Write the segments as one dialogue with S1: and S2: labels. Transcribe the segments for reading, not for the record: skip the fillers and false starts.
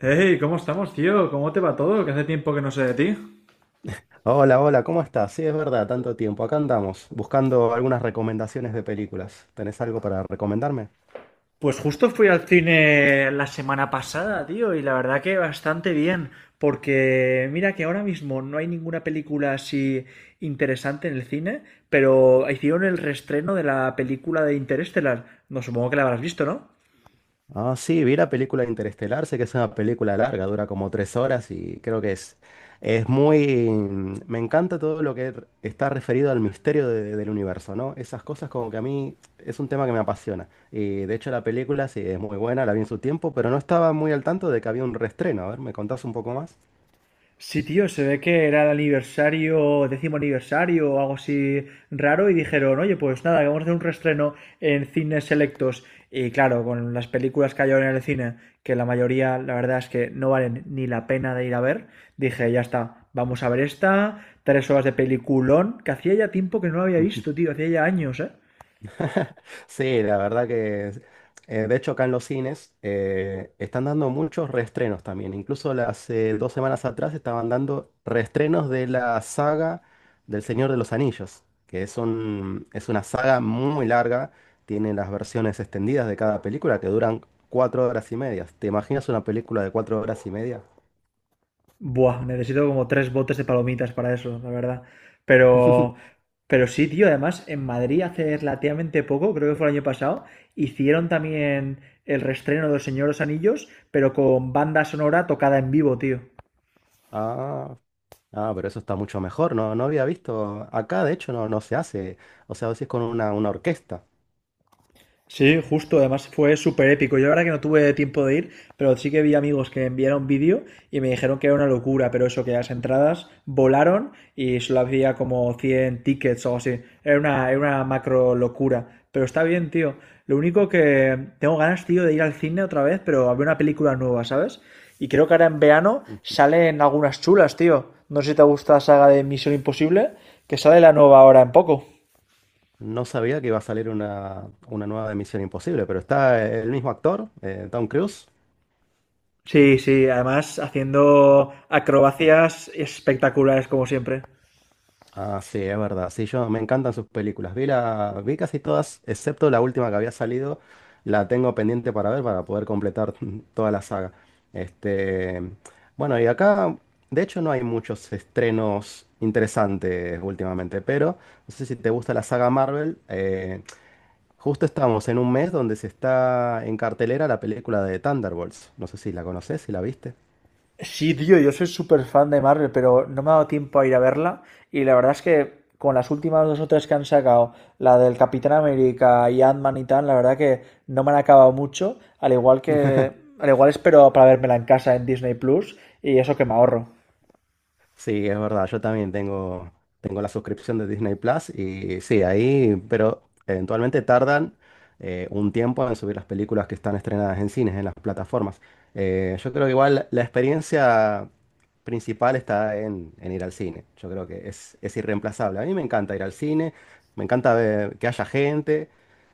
S1: Hey, ¿cómo estamos, tío? ¿Cómo te va todo? Que hace tiempo que no sé de ti.
S2: Hola, hola, ¿cómo estás? Sí, es verdad, tanto tiempo. Acá andamos, buscando algunas recomendaciones de películas. ¿Tenés algo para recomendarme?
S1: Pues justo fui al cine la semana pasada, tío, y la verdad que bastante bien, porque mira que ahora mismo no hay ninguna película así interesante en el cine, pero hicieron el reestreno de la película de Interestelar. No supongo que la habrás visto, ¿no?
S2: Ah, sí, vi la película Interestelar, sé que es una película larga, dura como 3 horas y creo que es muy... Me encanta todo lo que está referido al misterio del universo, ¿no? Esas cosas como que a mí es un tema que me apasiona. Y de hecho la película sí es muy buena, la vi en su tiempo, pero no estaba muy al tanto de que había un reestreno. A ver, ¿me contás un poco más?
S1: Sí, tío, se ve que era el aniversario, décimo aniversario o algo así raro y dijeron, oye, pues nada, que vamos a hacer un reestreno en cines selectos. Y claro, con las películas que hay ahora en el cine, que la mayoría, la verdad es que no valen ni la pena de ir a ver, dije, ya está, vamos a ver esta, 3 horas de peliculón, que hacía ya tiempo que no la había visto, tío, hacía ya años, ¿eh?
S2: Sí, la verdad que, de hecho acá en los cines están dando muchos reestrenos también. Incluso hace 2 semanas atrás estaban dando reestrenos de la saga del Señor de los Anillos, que es es una saga muy larga. Tiene las versiones extendidas de cada película que duran 4 horas y media. ¿Te imaginas una película de 4 horas y media?
S1: Buah, necesito como tres botes de palomitas para eso, la verdad. Pero, pero sí, tío, además en Madrid hace relativamente poco, creo que fue el año pasado, hicieron también el reestreno de Los Señores Anillos, pero con banda sonora tocada en vivo, tío.
S2: Ah, ah, pero eso está mucho mejor. No, no había visto. Acá, de hecho, no, no se hace. O sea, lo haces con una orquesta.
S1: Sí, justo, además fue súper épico. Yo la verdad que no tuve tiempo de ir, pero sí que vi amigos que enviaron vídeo y me dijeron que era una locura, pero eso, que las entradas volaron y solo había como 100 tickets o algo así. Era una macro locura, pero está bien, tío. Lo único que tengo ganas, tío, de ir al cine otra vez, pero a ver una película nueva, ¿sabes? Y creo que ahora en verano salen algunas chulas, tío. No sé si te gusta la saga de Misión Imposible, que sale la nueva ahora en poco.
S2: No sabía que iba a salir una nueva de Misión Imposible, pero está el mismo actor, Tom Cruise.
S1: Sí, sí, además haciendo acrobacias espectaculares como siempre.
S2: Ah, sí, es verdad. Sí, yo me encantan sus películas. Vi casi todas, excepto la última que había salido. La tengo pendiente para ver para poder completar toda la saga. Este, bueno, y acá, de hecho, no hay muchos estrenos interesantes últimamente, pero no sé si te gusta la saga Marvel. Justo estamos en un mes donde se está en cartelera la película de Thunderbolts. No sé si la conoces, si la viste.
S1: Sí, tío, yo soy súper fan de Marvel, pero no me ha dado tiempo a ir a verla. Y la verdad es que con las últimas dos o tres que han sacado, la del Capitán América y Ant-Man y tal, la verdad que no me han acabado mucho. Al igual espero para vérmela en casa en Disney Plus y eso que me ahorro.
S2: Sí, es verdad, yo también tengo la suscripción de Disney Plus y sí, ahí, pero eventualmente tardan un tiempo en subir las películas que están estrenadas en cines, en las plataformas. Yo creo que igual la experiencia principal está en ir al cine, yo creo es irreemplazable. A mí me encanta ir al cine, me encanta ver que haya gente,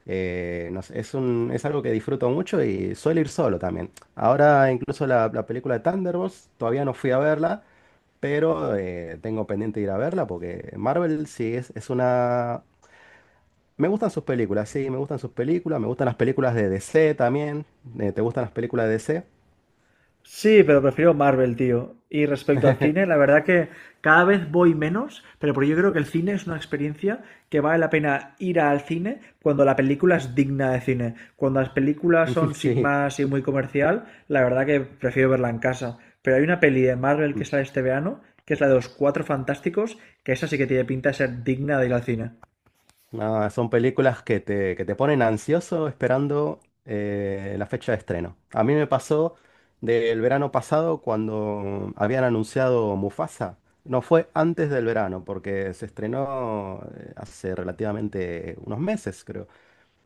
S2: no sé, es algo que disfruto mucho y suelo ir solo también. Ahora incluso la película de Thunderbolts, todavía no fui a verla. Pero tengo pendiente de ir a verla porque Marvel sí es una... Me gustan sus películas, sí, me gustan sus películas, me gustan las películas de DC también. ¿Te gustan las películas de DC?
S1: Sí, pero prefiero Marvel, tío. Y respecto al cine, la verdad que cada vez voy menos, pero porque yo creo que el cine es una experiencia que vale la pena ir al cine cuando la película es digna de cine. Cuando las películas son sin
S2: Sí.
S1: más y muy comercial, la verdad que prefiero verla en casa. Pero hay una peli de Marvel que sale este verano, que es la de los Cuatro Fantásticos, que esa sí que tiene pinta de ser digna de ir al cine.
S2: No, son películas que te ponen ansioso esperando la fecha de estreno. A mí me pasó del verano pasado cuando habían anunciado Mufasa. No fue antes del verano, porque se estrenó hace relativamente unos meses, creo.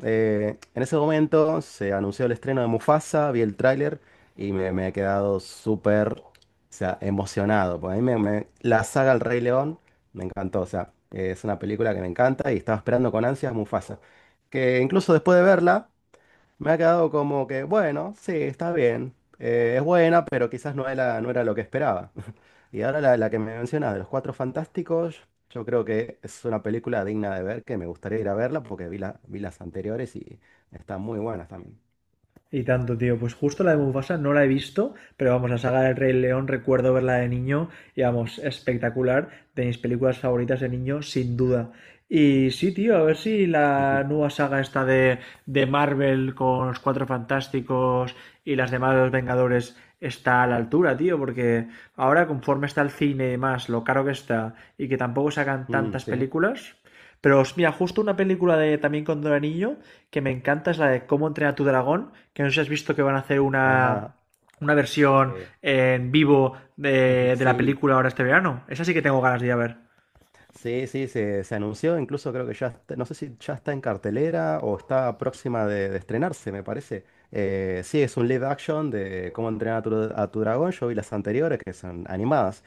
S2: En ese momento se anunció el estreno de Mufasa, vi el tráiler y me he quedado súper, o sea, emocionado. Pues a mí la saga El Rey León me encantó, o sea, es una película que me encanta y estaba esperando con ansias Mufasa. Que incluso después de verla, me ha quedado como que, bueno, sí, está bien. Es buena, pero quizás no era lo que esperaba. Y ahora la que me mencionas de Los Cuatro Fantásticos, yo creo que es una película digna de ver, que me gustaría ir a verla porque vi las anteriores y están muy buenas también.
S1: Y tanto, tío. Pues justo la de Mufasa no la he visto, pero vamos, la saga del Rey León recuerdo verla de niño y vamos, espectacular. De mis películas favoritas de niño, sin duda. Y sí, tío, a ver si la nueva saga esta de Marvel con los Cuatro Fantásticos y las demás de los Vengadores está a la altura, tío, porque ahora conforme está el cine y más, lo caro que está y que tampoco sacan
S2: Mm,
S1: tantas
S2: sí,
S1: películas, pero mira, justo una película de también con Don Anillo que me encanta es la de Cómo entrenar a tu dragón, que no sé si has visto que van a hacer
S2: ajá,
S1: una versión
S2: sí,
S1: en vivo de la
S2: sí.
S1: película ahora este verano. Esa sí que tengo ganas de ir a ver.
S2: Sí, sí, se anunció, incluso creo que ya, no sé si ya está en cartelera o está próxima de estrenarse, me parece. Sí, es un live action de cómo entrenar a a tu dragón. Yo vi las anteriores que son animadas.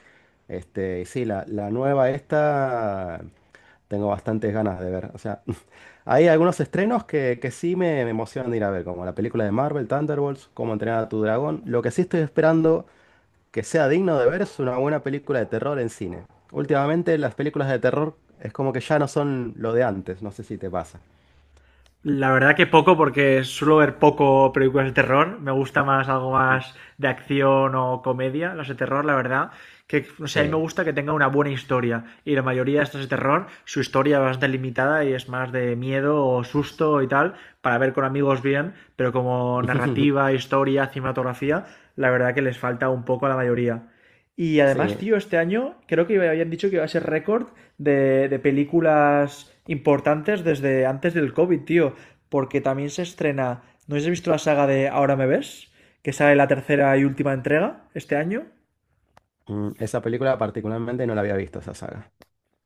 S2: Este, y sí, la nueva esta tengo bastantes ganas de ver. O sea, hay algunos estrenos que sí me emocionan de ir a ver, como la película de Marvel, Thunderbolts, cómo entrenar a tu dragón. Lo que sí estoy esperando que sea digno de ver es una buena película de terror en cine. Últimamente las películas de terror es como que ya no son lo de antes, no sé si te pasa.
S1: La verdad que poco, porque suelo ver poco películas de terror. Me gusta más algo
S2: Sí.
S1: más de acción o comedia, las de terror, la verdad. Que, no sé, a mí me
S2: Sí,
S1: gusta que tenga una buena historia. Y la mayoría de estas de terror, su historia es bastante limitada y es más de miedo o susto y tal, para ver con amigos bien, pero como narrativa, historia, cinematografía, la verdad que les falta un poco a la mayoría. Y además,
S2: sí.
S1: tío, este año creo que habían dicho que iba a ser récord de películas importantes desde antes del COVID, tío. Porque también se estrena. ¿No habéis visto la saga de Ahora me ves? Que sale la tercera y última entrega este año.
S2: Mm, esa película particularmente no la había visto, esa saga.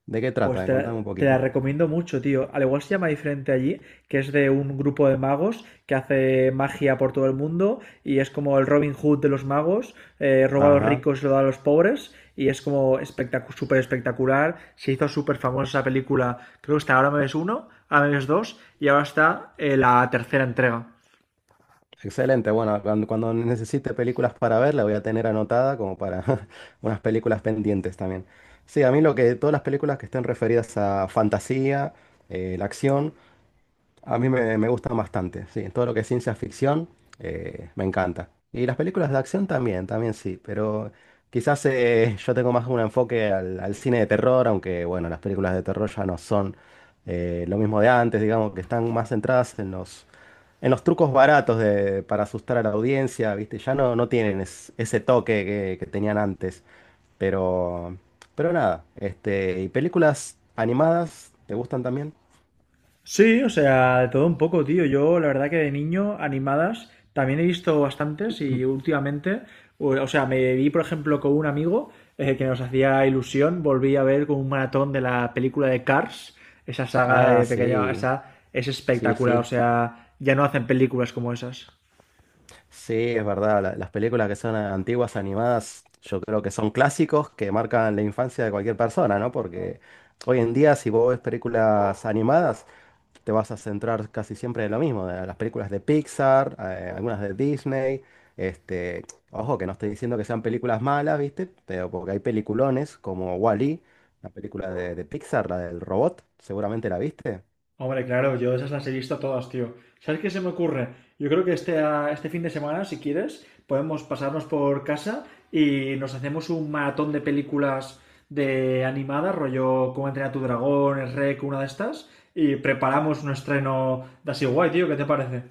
S2: ¿De qué
S1: Pues
S2: trata? Contame un
S1: te la
S2: poquito.
S1: recomiendo mucho, tío. Al igual se llama diferente allí, que es de un grupo de magos que hace magia por todo el mundo y es como el Robin Hood de los magos, roba a los
S2: Ajá.
S1: ricos y lo da a los pobres y es como súper espectacular. Se hizo súper famosa esa película. Creo que está Ahora me ves uno, Ahora me ves dos y ahora está la tercera entrega.
S2: Excelente. Bueno, cuando necesite películas para ver, la voy a tener anotada como para unas películas pendientes también. Sí, a mí lo que, todas las películas que estén referidas a fantasía, la acción. A mí me gustan bastante, sí, todo lo que es ciencia ficción me encanta. Y las películas de acción también, también sí, pero quizás yo tengo más un enfoque al cine de terror, aunque bueno, las películas de terror ya no son lo mismo de antes, digamos que están más centradas en en los trucos baratos de, para asustar a la audiencia, ¿viste? Ya no, no tienen ese toque que tenían antes, pero, pero nada, este, ¿y películas animadas te gustan también?
S1: Sí, o sea, de todo un poco, tío. Yo, la verdad que de niño, animadas, también he visto bastantes y últimamente, o sea, me vi, por ejemplo, con un amigo que nos hacía ilusión, volví a ver con un maratón de la película de Cars, esa saga
S2: Ah,
S1: de pequeña,
S2: sí.
S1: esa es
S2: Sí,
S1: espectacular, o
S2: sí,
S1: sea, ya no hacen películas como esas.
S2: sí, es verdad. Las películas que son antiguas animadas, yo creo que son clásicos que marcan la infancia de cualquier persona, ¿no? Porque hoy en día, si vos ves películas animadas, te vas a centrar casi siempre en lo mismo, de las películas de Pixar, algunas de Disney. Este, ojo, que no estoy diciendo que sean películas malas, ¿viste? Pero porque hay peliculones como Wall-E, la película de Pixar, la del robot, seguramente la viste.
S1: Hombre, claro, yo esas las he visto todas, tío. ¿Sabes qué se me ocurre? Yo creo que este fin de semana, si quieres, podemos pasarnos por casa y nos hacemos un maratón de películas de animadas, rollo Cómo entrenar a tu dragón, el Rec, una de estas, y preparamos un estreno de así guay, tío. ¿Qué te parece?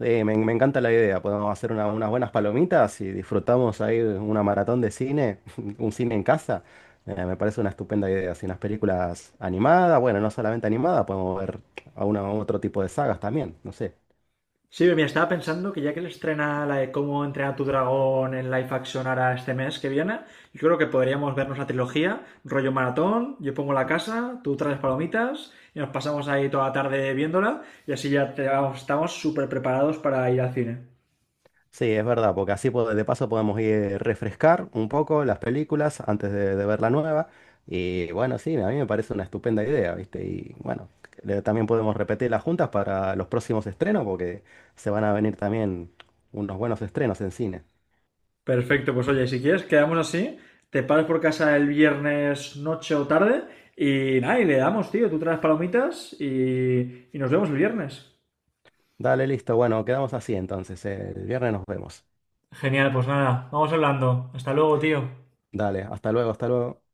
S2: Me encanta la idea. Podemos hacer unas buenas palomitas y disfrutamos ahí de una maratón de cine, un cine en casa. Me parece una estupenda idea. Así unas películas animadas, bueno, no solamente animadas, podemos ver a otro tipo de sagas también. No sé.
S1: Sí, mira, estaba pensando que ya que le estrena la de Cómo entrenar a tu dragón en live action ahora este mes que viene, yo creo que podríamos vernos la trilogía, rollo maratón, yo pongo la casa, tú traes palomitas y nos pasamos ahí toda la tarde viéndola y así ya vamos, estamos súper preparados para ir al cine.
S2: Sí, es verdad, porque así de paso podemos ir refrescar un poco las películas antes de ver la nueva. Y bueno, sí, a mí me parece una estupenda idea, ¿viste? Y bueno, también podemos repetirlas juntas para los próximos estrenos, porque se van a venir también unos buenos estrenos en cine.
S1: Perfecto, pues oye, si quieres quedamos así, te paras por casa el viernes noche o tarde y nada, y le damos, tío, tú traes palomitas y nos vemos el viernes.
S2: Dale, listo, bueno, quedamos así entonces. El viernes nos vemos.
S1: Genial, pues nada, vamos hablando. Hasta luego, tío.
S2: Dale, hasta luego, hasta luego.